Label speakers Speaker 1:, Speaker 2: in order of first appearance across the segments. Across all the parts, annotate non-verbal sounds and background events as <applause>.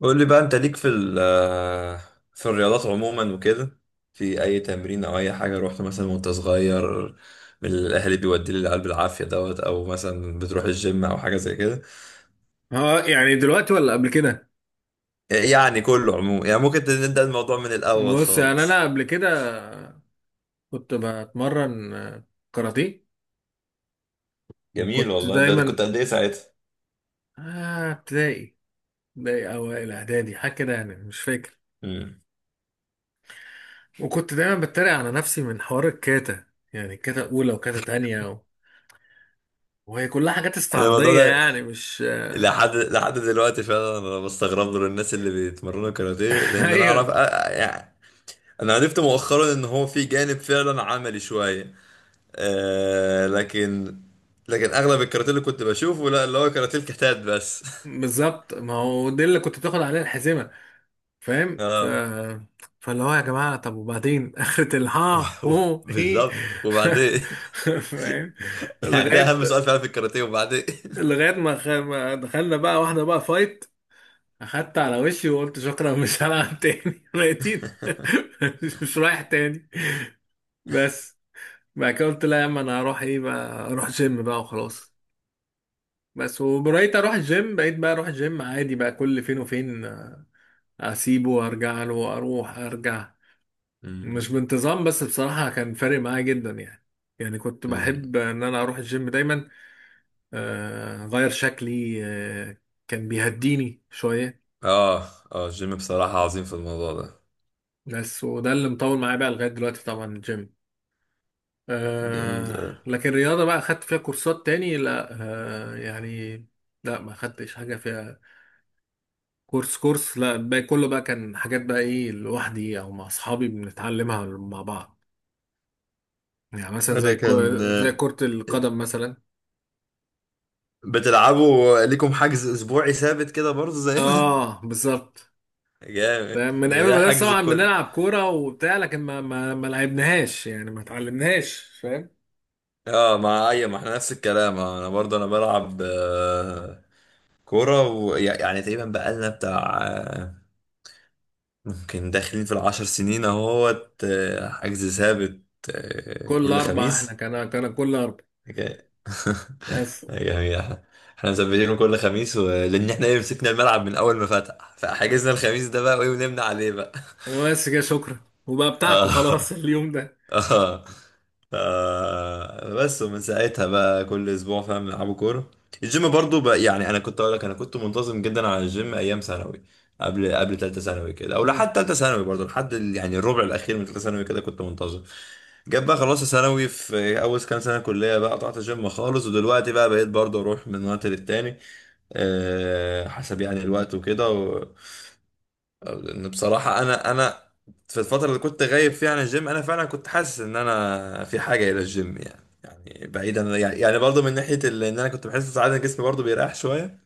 Speaker 1: قول لي بقى، انت ليك في ال آه، في الرياضات عموما وكده، في اي تمرين او اي حاجه رحت مثلا وانت صغير من الاهل بيودي لي العيال بالعافيه دوت، او مثلا بتروح الجيم او حاجه زي كده؟
Speaker 2: اه، يعني دلوقتي ولا قبل كده؟
Speaker 1: يعني كله عموما، يعني ممكن نبدا الموضوع من الاول
Speaker 2: بص، يعني انا
Speaker 1: خالص.
Speaker 2: قبل كده كنت بتمرن كاراتيه.
Speaker 1: جميل
Speaker 2: وكنت
Speaker 1: والله، ده
Speaker 2: دايما
Speaker 1: كنت قد ايه ساعتها؟
Speaker 2: ابتدائي، اوائل اعدادي، حاجه كده يعني، مش فاكر.
Speaker 1: مم.
Speaker 2: وكنت دايما بتريق على نفسي من حوار الكاتا، يعني كاتا اولى وكاتا تانية وهي كلها حاجات
Speaker 1: انا الموضوع
Speaker 2: استعراضيه،
Speaker 1: ده
Speaker 2: يعني مش آه،
Speaker 1: لحد دلوقتي فعلا انا بستغرب له الناس اللي بيتمرنوا كاراتيه،
Speaker 2: <laughs>
Speaker 1: لان انا اعرف
Speaker 2: ايوه.
Speaker 1: يعني انا عرفت مؤخرا ان هو في جانب فعلا عملي شويه. آه لكن لكن اغلب الكاراتيه اللي كنت بشوفه لا، اللي هو كاراتيه الكتات بس.
Speaker 2: بالظبط، ما هو دي اللي كنت بتاخد عليها الحزمه،
Speaker 1: <laughs>
Speaker 2: فاهم؟
Speaker 1: اه.
Speaker 2: فاللي هو يا جماعة، طب وبعدين؟ <laughs> آخرة الها هو
Speaker 1: <laughs>
Speaker 2: هي.
Speaker 1: بالظبط وبعدين. <laughs>
Speaker 2: <laughs> فاهم.
Speaker 1: يعني ده
Speaker 2: لغاية
Speaker 1: اهم سؤال فعلا في الكاراتيه، وبعدين.
Speaker 2: لغاية ما ما دخلنا بقى واحدة بقى فايت، أخدت على وشي وقلت شكرا مش هلعب تاني. <laughs> ميتين. <laughs> مش رايح تاني، بس. بعد كده قلت لا يا عم، أنا هروح إيه بقى، أروح جيم بقى وخلاص. بس وبقيت أروح الجيم، بقيت بقى أروح الجيم عادي بقى كل فين وفين. أسيبه وأرجع له وأروح أرجع،
Speaker 1: <laughs>
Speaker 2: مش
Speaker 1: مم.
Speaker 2: بانتظام. بس بصراحة كان فارق معايا جدا يعني. يعني كنت
Speaker 1: مم.
Speaker 2: بحب ان انا اروح الجيم دايما، اغير شكلي، كان بيهديني شوية.
Speaker 1: اه، اه، الجيم بصراحة عظيم في الموضوع ده.
Speaker 2: بس وده اللي مطول معايا بقى لغاية دلوقتي، طبعا الجيم.
Speaker 1: جميل. آه.
Speaker 2: لكن الرياضة بقى خدت فيها كورسات تاني؟ لا. يعني لا، ما خدتش حاجة فيها كورس كورس. لا، باقي كله بقى كان حاجات بقى ايه، لوحدي او مع اصحابي بنتعلمها مع بعض. يعني مثلا
Speaker 1: انا كان
Speaker 2: زي
Speaker 1: آه،
Speaker 2: كرة القدم مثلا.
Speaker 1: بتلعبوا ليكم حجز اسبوعي ثابت كده برضه زينا؟
Speaker 2: اه بالظبط،
Speaker 1: <laughs> جامد،
Speaker 2: من ايام
Speaker 1: ده
Speaker 2: المدرسه
Speaker 1: حجز
Speaker 2: طبعا
Speaker 1: كل.
Speaker 2: بنلعب كوره وبتاع، لكن ما لعبناهاش يعني، ما اتعلمناش، فاهم.
Speaker 1: اه، مع اي، ما احنا نفس الكلام، انا برضه، انا بلعب، كورة، يعني تقريبا بقالنا بتاع، ممكن داخلين في العشر سنين اهوت، حجز ثابت،
Speaker 2: كل
Speaker 1: كل
Speaker 2: اربع، احنا
Speaker 1: خميس.
Speaker 2: كان كل اربع،
Speaker 1: حكاية. <laughs>
Speaker 2: بس.
Speaker 1: يعني احنا مثبتينه كل خميس، لان احنا ايه، مسكنا الملعب من اول ما فتح، فحجزنا الخميس ده بقى، وايه، ونمنا عليه بقى. <laughs>
Speaker 2: بس كده، شكرا وبقى بتاعكم خلاص <laughs>
Speaker 1: اه.
Speaker 2: اليوم ده.
Speaker 1: اه. بس ومن ساعتها بقى كل اسبوع فاهم بنلعبوا كوره. الجيم برضو بقى، يعني انا كنت اقول لك انا كنت منتظم جدا على الجيم ايام ثانوي، قبل ثالثه ثانوي كده، او
Speaker 2: امم،
Speaker 1: لحد ثالثه ثانوي برضو، لحد يعني الربع الاخير من ثالثه ثانوي كده كنت منتظم. جاب بقى خلاص ثانوي، في اول كام سنه كليه بقى قطعت الجيم خالص، ودلوقتي بقى بقيت برضو اروح من وقت للتاني، حسب يعني الوقت وكده. لان بصراحه انا في الفتره اللي كنت غايب فيها عن الجيم، انا فعلا كنت حاسس ان انا في حاجه الى الجيم، يعني بعيدا، يعني برضه من ناحيه ان انا كنت بحس ساعات إن جسمي برضه بيريح شويه،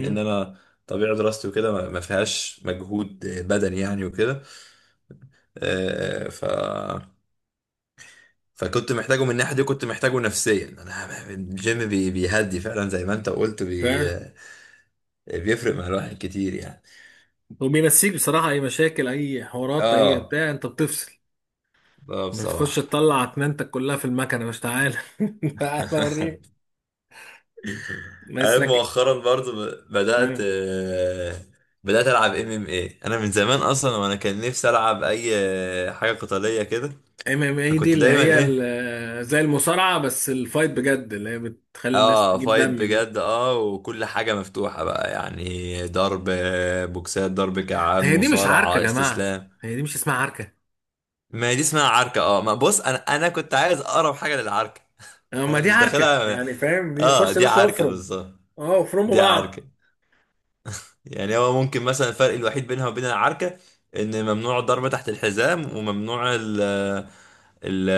Speaker 1: ان انا طبيعه دراستي وكده ما فيهاش مجهود بدني يعني وكده. آه، ف فكنت محتاجه من الناحيه دي، وكنت محتاجه نفسيا. انا الجيم بيهدي فعلا زي ما انت قلت،
Speaker 2: بتاع،
Speaker 1: بيفرق مع الواحد كتير يعني.
Speaker 2: وبينسيك بصراحه اي مشاكل، اي حوارات، اي
Speaker 1: اه،
Speaker 2: بتاع، انت بتفصل.
Speaker 1: اه
Speaker 2: بتخش
Speaker 1: بصراحه.
Speaker 2: تطلع اتنينتك كلها في المكنه، مش تعالى <laughs> تعالى وريني
Speaker 1: <laughs> عارف،
Speaker 2: مثلك.
Speaker 1: مؤخرا برضو
Speaker 2: <laughs> ام
Speaker 1: بدأت ألعب ام ام ايه. أنا من زمان أصلا وأنا كان نفسي ألعب أي، حاجة قتالية كده.
Speaker 2: ام اي دي
Speaker 1: فكنت
Speaker 2: اللي
Speaker 1: دايما
Speaker 2: هي
Speaker 1: إيه،
Speaker 2: زي المصارعه، بس الفايت بجد اللي هي بتخلي الناس
Speaker 1: اه
Speaker 2: تجيب
Speaker 1: فايت
Speaker 2: دم دي.
Speaker 1: بجد، اه، وكل حاجة مفتوحة بقى، يعني ضرب، بوكسات، ضرب كعان،
Speaker 2: هي دي مش عركة يا
Speaker 1: مصارعة،
Speaker 2: جماعة،
Speaker 1: استسلام.
Speaker 2: هي دي مش اسمها عركة.
Speaker 1: ما هي دي اسمها عركة. اه، ما بص، أنا كنت عايز أقرب حاجة للعركة. <laughs>
Speaker 2: اما
Speaker 1: أنا
Speaker 2: دي
Speaker 1: مش
Speaker 2: عركة،
Speaker 1: داخلها.
Speaker 2: يعني فاهم، دي
Speaker 1: اه،
Speaker 2: خش يا
Speaker 1: دي
Speaker 2: باشا
Speaker 1: عركة
Speaker 2: افرم.
Speaker 1: بالظبط،
Speaker 2: اه افرموا
Speaker 1: دي
Speaker 2: بعض.
Speaker 1: عركة. يعني هو ممكن مثلا الفرق الوحيد بينها وبين العركة ان ممنوع الضرب تحت الحزام، وممنوع ال ال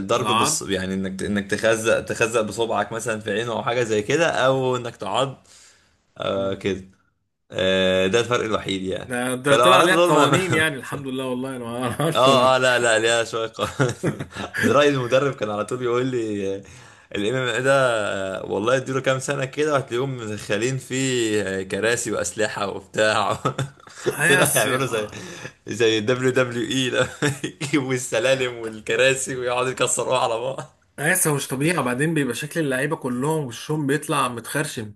Speaker 1: الضرب،
Speaker 2: العض.
Speaker 1: بص، يعني انك تخزق بصبعك مثلا في عينه او حاجة زي كده، او انك تعض،
Speaker 2: مم.
Speaker 1: كده. آه، ده الفرق الوحيد يعني.
Speaker 2: ده
Speaker 1: فلو
Speaker 2: طلع
Speaker 1: عرضت
Speaker 2: ليها
Speaker 1: دول
Speaker 2: قوانين يعني، الحمد لله. والله انا ما اعرفش
Speaker 1: اه.
Speaker 2: انا.
Speaker 1: اه، لا، لا ليها شوية قوانين.
Speaker 2: <laughs>
Speaker 1: <laughs> زراير المدرب كان على طول يقول لي الام ام اي ده والله اديله كام سنة كده وهتلاقيهم مدخلين فيه كراسي، وأسلحة، وبتاع. <laughs> طلعوا
Speaker 2: هياس يا
Speaker 1: يعملوا زي دبليو دبليو اي. <laughs> لما يجيبوا السلالم والكراسي ويقعدوا يكسروها على بعض.
Speaker 2: هياس، هو مش طبيعي. وبعدين بيبقى شكل اللعيبة كلهم وشهم بيطلع متخرشم،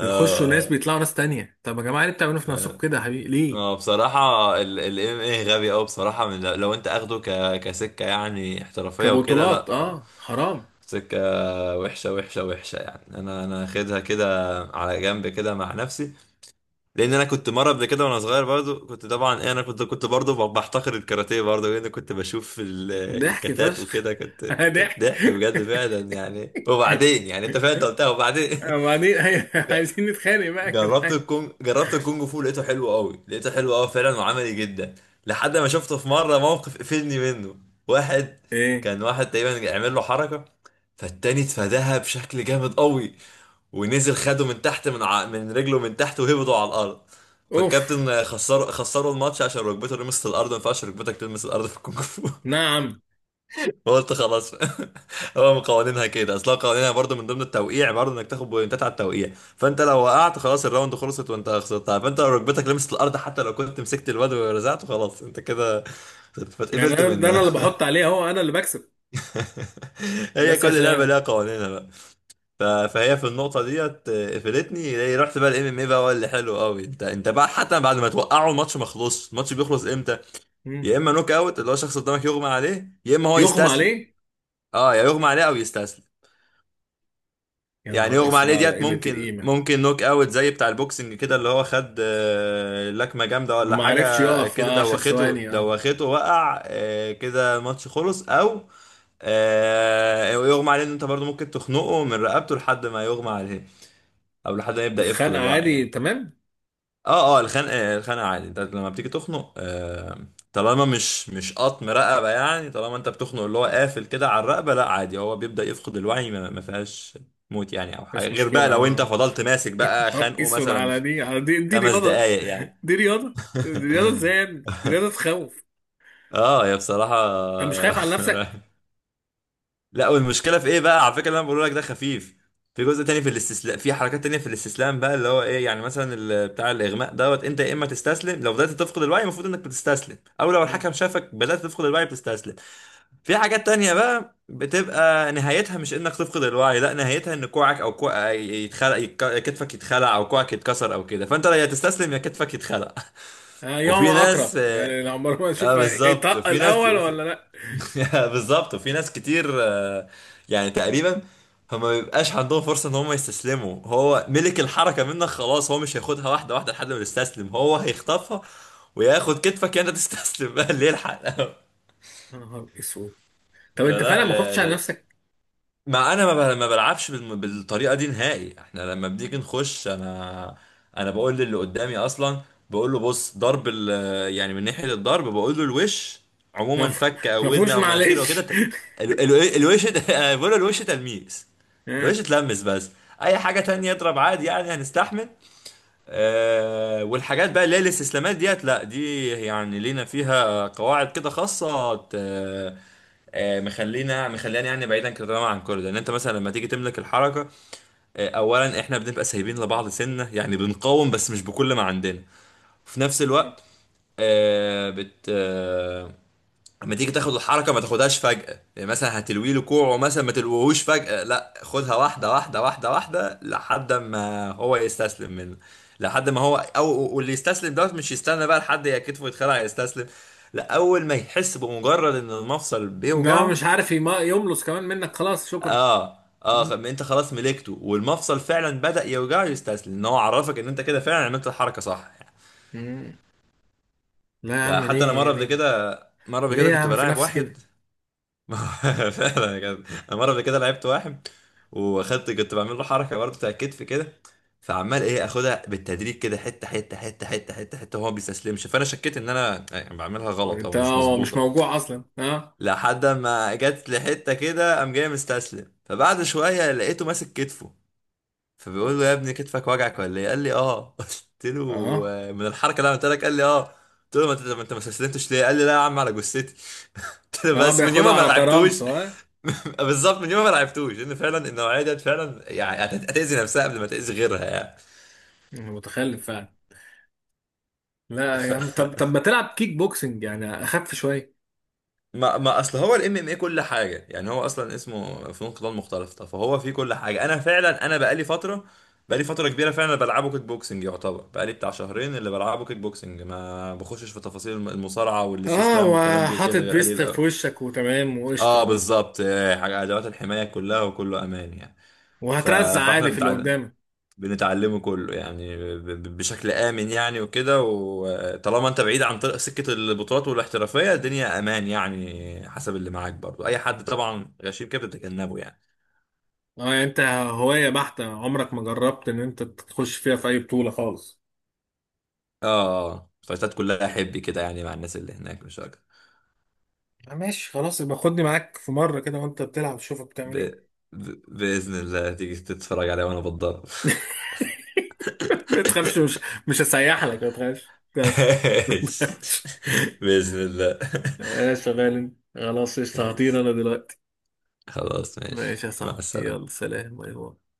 Speaker 2: بيخشوا ناس بيطلعوا ناس تانية. طب يا جماعة ليه بتعملوا في نفسكم
Speaker 1: اه،
Speaker 2: كده يا حبيبي، ليه؟
Speaker 1: بصراحة ال ام ايه غبي اوي بصراحة، من لو انت اخده كسكة يعني احترافية وكده،
Speaker 2: كبطولات،
Speaker 1: لا.
Speaker 2: اه حرام.
Speaker 1: سكة وحشة، وحشة، وحشة، يعني انا اخدها كده على جنب كده مع نفسي. لان انا كنت مره قبل كده وانا صغير برضو، كنت طبعا إيه، انا كنت برضو بحتقر الكاراتيه برضو، لان كنت بشوف
Speaker 2: ضحك
Speaker 1: الكتات
Speaker 2: فشخ.
Speaker 1: وكده، كنت،
Speaker 2: <laughs>
Speaker 1: كانت
Speaker 2: ضحك.
Speaker 1: ضحك بجد فعلا يعني، وبعدين يعني انت فاهم، انت قلتها، وبعدين.
Speaker 2: وبعدين. <laughs> أيوة،
Speaker 1: <laughs> ج-
Speaker 2: عايزين نتخانق بقى يا جدعان.
Speaker 1: جربت الكونج فو، لقيته حلو قوي، لقيته حلو قوي فعلا وعملي جدا لحد ما شفته في مره موقف قفلني منه. واحد،
Speaker 2: ايه؟
Speaker 1: كان واحد تقريبا عمل له حركه، فالتاني اتفاداها بشكل جامد قوي، ونزل خده من تحت، من رجله من تحت، وهبطوا على الارض.
Speaker 2: اوف.
Speaker 1: فالكابتن خسروا الماتش عشان ركبته لمست الارض، ما ينفعش ركبتك تلمس الارض في الكونغ فو. <laughs>
Speaker 2: نعم.
Speaker 1: فقلت خلاص. <laughs> هو من قوانينها كده اصلا، قوانينها برضو من ضمن التوقيع برضو انك تاخد بوينتات على التوقيع، فانت لو وقعت خلاص الراوند خلصت، وانت خسرتها. فانت لو ركبتك لمست الارض حتى لو كنت مسكت الواد ورزعته، خلاص انت كده
Speaker 2: يعني
Speaker 1: فاتقفلت
Speaker 2: انا ده انا اللي
Speaker 1: منها.
Speaker 2: بحط عليه اهو، انا اللي بكسب،
Speaker 1: <laughs> هي
Speaker 2: بس
Speaker 1: كل لعبه
Speaker 2: عشان.
Speaker 1: ليها قوانينها بقى. فهي في النقطة ديت، قفلتني. هي رحت بقى الام ام اي بقى، هو اللي حلو قوي. انت انت بقى حتى بعد ما توقعه الماتش ما خلصش، الماتش بيخلص امتى؟
Speaker 2: مم.
Speaker 1: يا اما نوك اوت، اللي هو شخص قدامك يغمى عليه، يا اما هو
Speaker 2: يغمى
Speaker 1: يستسلم.
Speaker 2: عليه.
Speaker 1: اه، يا يغمى عليه او يستسلم.
Speaker 2: يا
Speaker 1: يعني
Speaker 2: نهار
Speaker 1: يغمى
Speaker 2: اسود
Speaker 1: عليه
Speaker 2: على
Speaker 1: ديت
Speaker 2: قلة
Speaker 1: ممكن،
Speaker 2: القيمة.
Speaker 1: ممكن نوك اوت زي بتاع البوكسنج كده، اللي هو خد لكمة جامدة ولا
Speaker 2: وما عرفش
Speaker 1: حاجة
Speaker 2: يقف
Speaker 1: كده،
Speaker 2: 10
Speaker 1: دوخته،
Speaker 2: ثواني، اه.
Speaker 1: دوخته وقع، كده الماتش خلص. او، يغمى عليه ان انت برضو ممكن تخنقه من رقبته لحد ما يغمى عليه، او لحد ما يبدأ يفقد
Speaker 2: الخنقة
Speaker 1: الوعي
Speaker 2: عادي
Speaker 1: يعني.
Speaker 2: تمام؟
Speaker 1: اه، اه، الخنقه، الخنقه عادي، انت لما بتيجي تخنق، طالما مش قطم رقبه يعني، طالما انت بتخنق اللي هو قافل كده على الرقبه، لا عادي، هو بيبدا يفقد الوعي، ما فيهاش موت يعني، او حاجه
Speaker 2: مفيش
Speaker 1: غير بقى
Speaker 2: مشكلة،
Speaker 1: لو انت
Speaker 2: اه.
Speaker 1: فضلت ماسك
Speaker 2: <laughs> يا
Speaker 1: بقى
Speaker 2: نهار
Speaker 1: خانقه
Speaker 2: اسود،
Speaker 1: مثلا
Speaker 2: على دي، على دي، دي
Speaker 1: خمس
Speaker 2: رياضة؟
Speaker 1: دقايق يعني.
Speaker 2: دي رياضة، دي رياضة ازاي يا ابني؟ دي رياضة
Speaker 1: <laughs>
Speaker 2: تخوف.
Speaker 1: اه، يا بصراحه.
Speaker 2: انت مش خايف على نفسك؟
Speaker 1: <laughs> لا، والمشكله في ايه بقى على فكره، اللي انا بقول لك ده خفيف. في جزء تاني في الاستسلام، في حركات تانية في الاستسلام بقى، اللي هو ايه يعني، مثلا بتاع الاغماء دوت، انت يا اما تستسلم لو بدات تفقد الوعي، المفروض انك بتستسلم، او لو
Speaker 2: مم.
Speaker 1: الحكم شافك بدات تفقد الوعي بتستسلم. في حاجات تانية بقى بتبقى نهايتها مش انك تفقد الوعي، لا، نهايتها ان كوعك، او كوع، يتخلع، كتفك يتخلع او كوعك يتكسر او كده، فانت يا تستسلم يا كتفك يتخلع. <laughs>
Speaker 2: يوم
Speaker 1: وفي
Speaker 2: اقرب
Speaker 1: ناس، اه،
Speaker 2: يعني، لو عمر ما نشوف
Speaker 1: بالظبط
Speaker 2: هيطق
Speaker 1: وفي ناس.
Speaker 2: الاول ولا لا.
Speaker 1: <laughs> بالظبط وفي ناس كتير، يعني تقريبا فما بيبقاش عندهم فرصة ان هم يستسلموا، هو ملك الحركة منك خلاص، هو مش هياخدها واحدة واحدة لحد ما يستسلم، هو هيخطفها وياخد كتفك، انت تستسلم. <laughs> بقى اللي يلحق. <laughs>
Speaker 2: يا نهار اسود. طب انت
Speaker 1: فلا،
Speaker 2: فعلا ما
Speaker 1: غ...
Speaker 2: خفتش على
Speaker 1: غ...
Speaker 2: نفسك؟
Speaker 1: ما انا ما بلعبش بالطريقه دي نهائي. احنا لما بنيجي نخش انا، انا بقول للي قدامي اصلا، بقول له بص ضرب يعني من ناحيه الضرب، بقول له الوش
Speaker 2: ما
Speaker 1: عموما،
Speaker 2: ف-
Speaker 1: فك
Speaker 2: <laughs>
Speaker 1: او
Speaker 2: ما
Speaker 1: ودن
Speaker 2: فيهوش
Speaker 1: او مناخير وكده،
Speaker 2: معلش. <laughs>
Speaker 1: الوش <laughs> أنا بقول له الوش تلميس،
Speaker 2: اه.
Speaker 1: الوش اتلمس بس، اي حاجه تانية اضرب عادي يعني هنستحمل. أه، والحاجات بقى اللي هي الاستسلامات ديت، لا دي يعني لينا فيها قواعد كده خاصه، مخلينا يعني بعيدا كده تماما عن كل ده ان انت مثلا لما تيجي تملك الحركه، اولا احنا بنبقى سايبين لبعض سنه يعني، بنقاوم بس مش بكل ما عندنا، وفي نفس الوقت، آه، بت آه، لما تيجي تاخد الحركه ما تاخدهاش فجاه يعني، مثلا هتلوي له كوعه مثلا ما تلويهوش فجاه، لا خدها واحده واحده، واحده واحده، لحد ما هو يستسلم منه، لحد ما هو، او واللي يستسلم دوت مش يستنى بقى لحد يا كتفه يتخلع يستسلم، لا اول ما يحس بمجرد ان المفصل
Speaker 2: ان هو مش
Speaker 1: بيوجعه.
Speaker 2: عارف يملص كمان منك، خلاص شكرا.
Speaker 1: اه، اه،
Speaker 2: مم.
Speaker 1: انت خلاص ملكته والمفصل فعلا بدأ يوجعه، يستسلم ان هو عرفك ان انت كده فعلا عملت الحركه صح.
Speaker 2: مم. لا يا
Speaker 1: ده
Speaker 2: عم،
Speaker 1: حتى انا
Speaker 2: ليه،
Speaker 1: مره قبل
Speaker 2: ليه؟
Speaker 1: كده،
Speaker 2: ليه يا
Speaker 1: كنت
Speaker 2: عم في
Speaker 1: بلاعب
Speaker 2: نفسي
Speaker 1: واحد.
Speaker 2: كده؟
Speaker 1: <laughs> فعلا كده. انا مره قبل كده لعبت واحد، كنت بعمل له حركه برضه بتاع الكتف كده، فعمال ايه اخدها بالتدريج كده، حته حته حته حته حته حته، وهو ما بيستسلمش، فانا شكيت ان انا يعني بعملها غلط او
Speaker 2: وانت
Speaker 1: مش
Speaker 2: هو مش
Speaker 1: مظبوطه،
Speaker 2: موجوع اصلا؟ اه.
Speaker 1: لحد ما جت لحته كده قام جاي مستسلم، فبعد شويه لقيته ماسك كتفه، فبيقول له يا ابني كتفك وجعك ولا ايه، قال لي اه. <laughs> قلت له،
Speaker 2: اه.
Speaker 1: من الحركه اللي انا قلت لك، قال لي اه. قلت له ما انت ما استسلمتش ليه؟ قال لي لا يا عم على جثتي. <laughs> قلت له
Speaker 2: اه
Speaker 1: بس من
Speaker 2: بياخدها
Speaker 1: يوم ما
Speaker 2: على
Speaker 1: لعبتوش.
Speaker 2: كرامته، اه.
Speaker 1: <laughs> بالظبط، من يوم ما لعبتوش، ان فعلا النوعيه ديت فعلا يعني هتاذي نفسها قبل ما تاذي غيرها يعني.
Speaker 2: متخلف فعلا. لا يا عم، طب طب ما تلعب كيك بوكسنج يعني، اخف شويه.
Speaker 1: ما ما اصل هو الام ام اي كل حاجه يعني، هو اصلا اسمه فنون قتال مختلطه فهو فيه كل حاجه. انا فعلا انا بقالي فتره، بقالي فتره كبيره فعلا بلعبه كيك بوكسنج، يعتبر بقالي بتاع شهرين اللي بلعبه كيك بوكسنج، ما بخشش في تفاصيل المصارعه
Speaker 2: اه
Speaker 1: والاستسلام والكلام دي
Speaker 2: وحاطط
Speaker 1: وكده غير
Speaker 2: فيست
Speaker 1: قليل قوي.
Speaker 2: في وشك وتمام
Speaker 1: اه،
Speaker 2: وقشطه،
Speaker 1: بالظبط، حاجه ادوات الحمايه كلها وكله امان يعني.
Speaker 2: وهترزع
Speaker 1: فاحنا
Speaker 2: عادي في اللي
Speaker 1: متعلم،
Speaker 2: قدامك.
Speaker 1: بنتعلمه كله يعني بشكل آمن يعني وكده، وطالما انت بعيد عن طريق سكة البطولات والاحترافية، الدنيا أمان يعني. حسب اللي معاك برضو، أي حد طبعا غشيم كده بتتجنبه يعني.
Speaker 2: اه يعني انت هواية بحتة، عمرك ما جربت ان انت تخش فيها في اي بطولة خالص؟
Speaker 1: اه، فايتات كلها حبي كده يعني، مع الناس اللي هناك، مش أكتر.
Speaker 2: ماشي، خلاص. يبقى خدني معاك في مرة كده وانت بتلعب، شوفك بتعمل
Speaker 1: ب...
Speaker 2: ايه.
Speaker 1: بإذن الله تيجي تتفرج عليها وأنا بتضرب.
Speaker 2: <laughs> ما تخافش، مش هسيح لك، ما تخافش،
Speaker 1: <laughs>
Speaker 2: ما
Speaker 1: ماشي.
Speaker 2: تخافش. <laughs>
Speaker 1: بإذن الله.
Speaker 2: ماشي يا شغال انت. خلاص، قشطة، هطير
Speaker 1: ماشي
Speaker 2: انا دلوقتي.
Speaker 1: خلاص، ماشي،
Speaker 2: ماشي يا
Speaker 1: مع
Speaker 2: صاحبي،
Speaker 1: السلامة.
Speaker 2: يلا سلام، باي باي.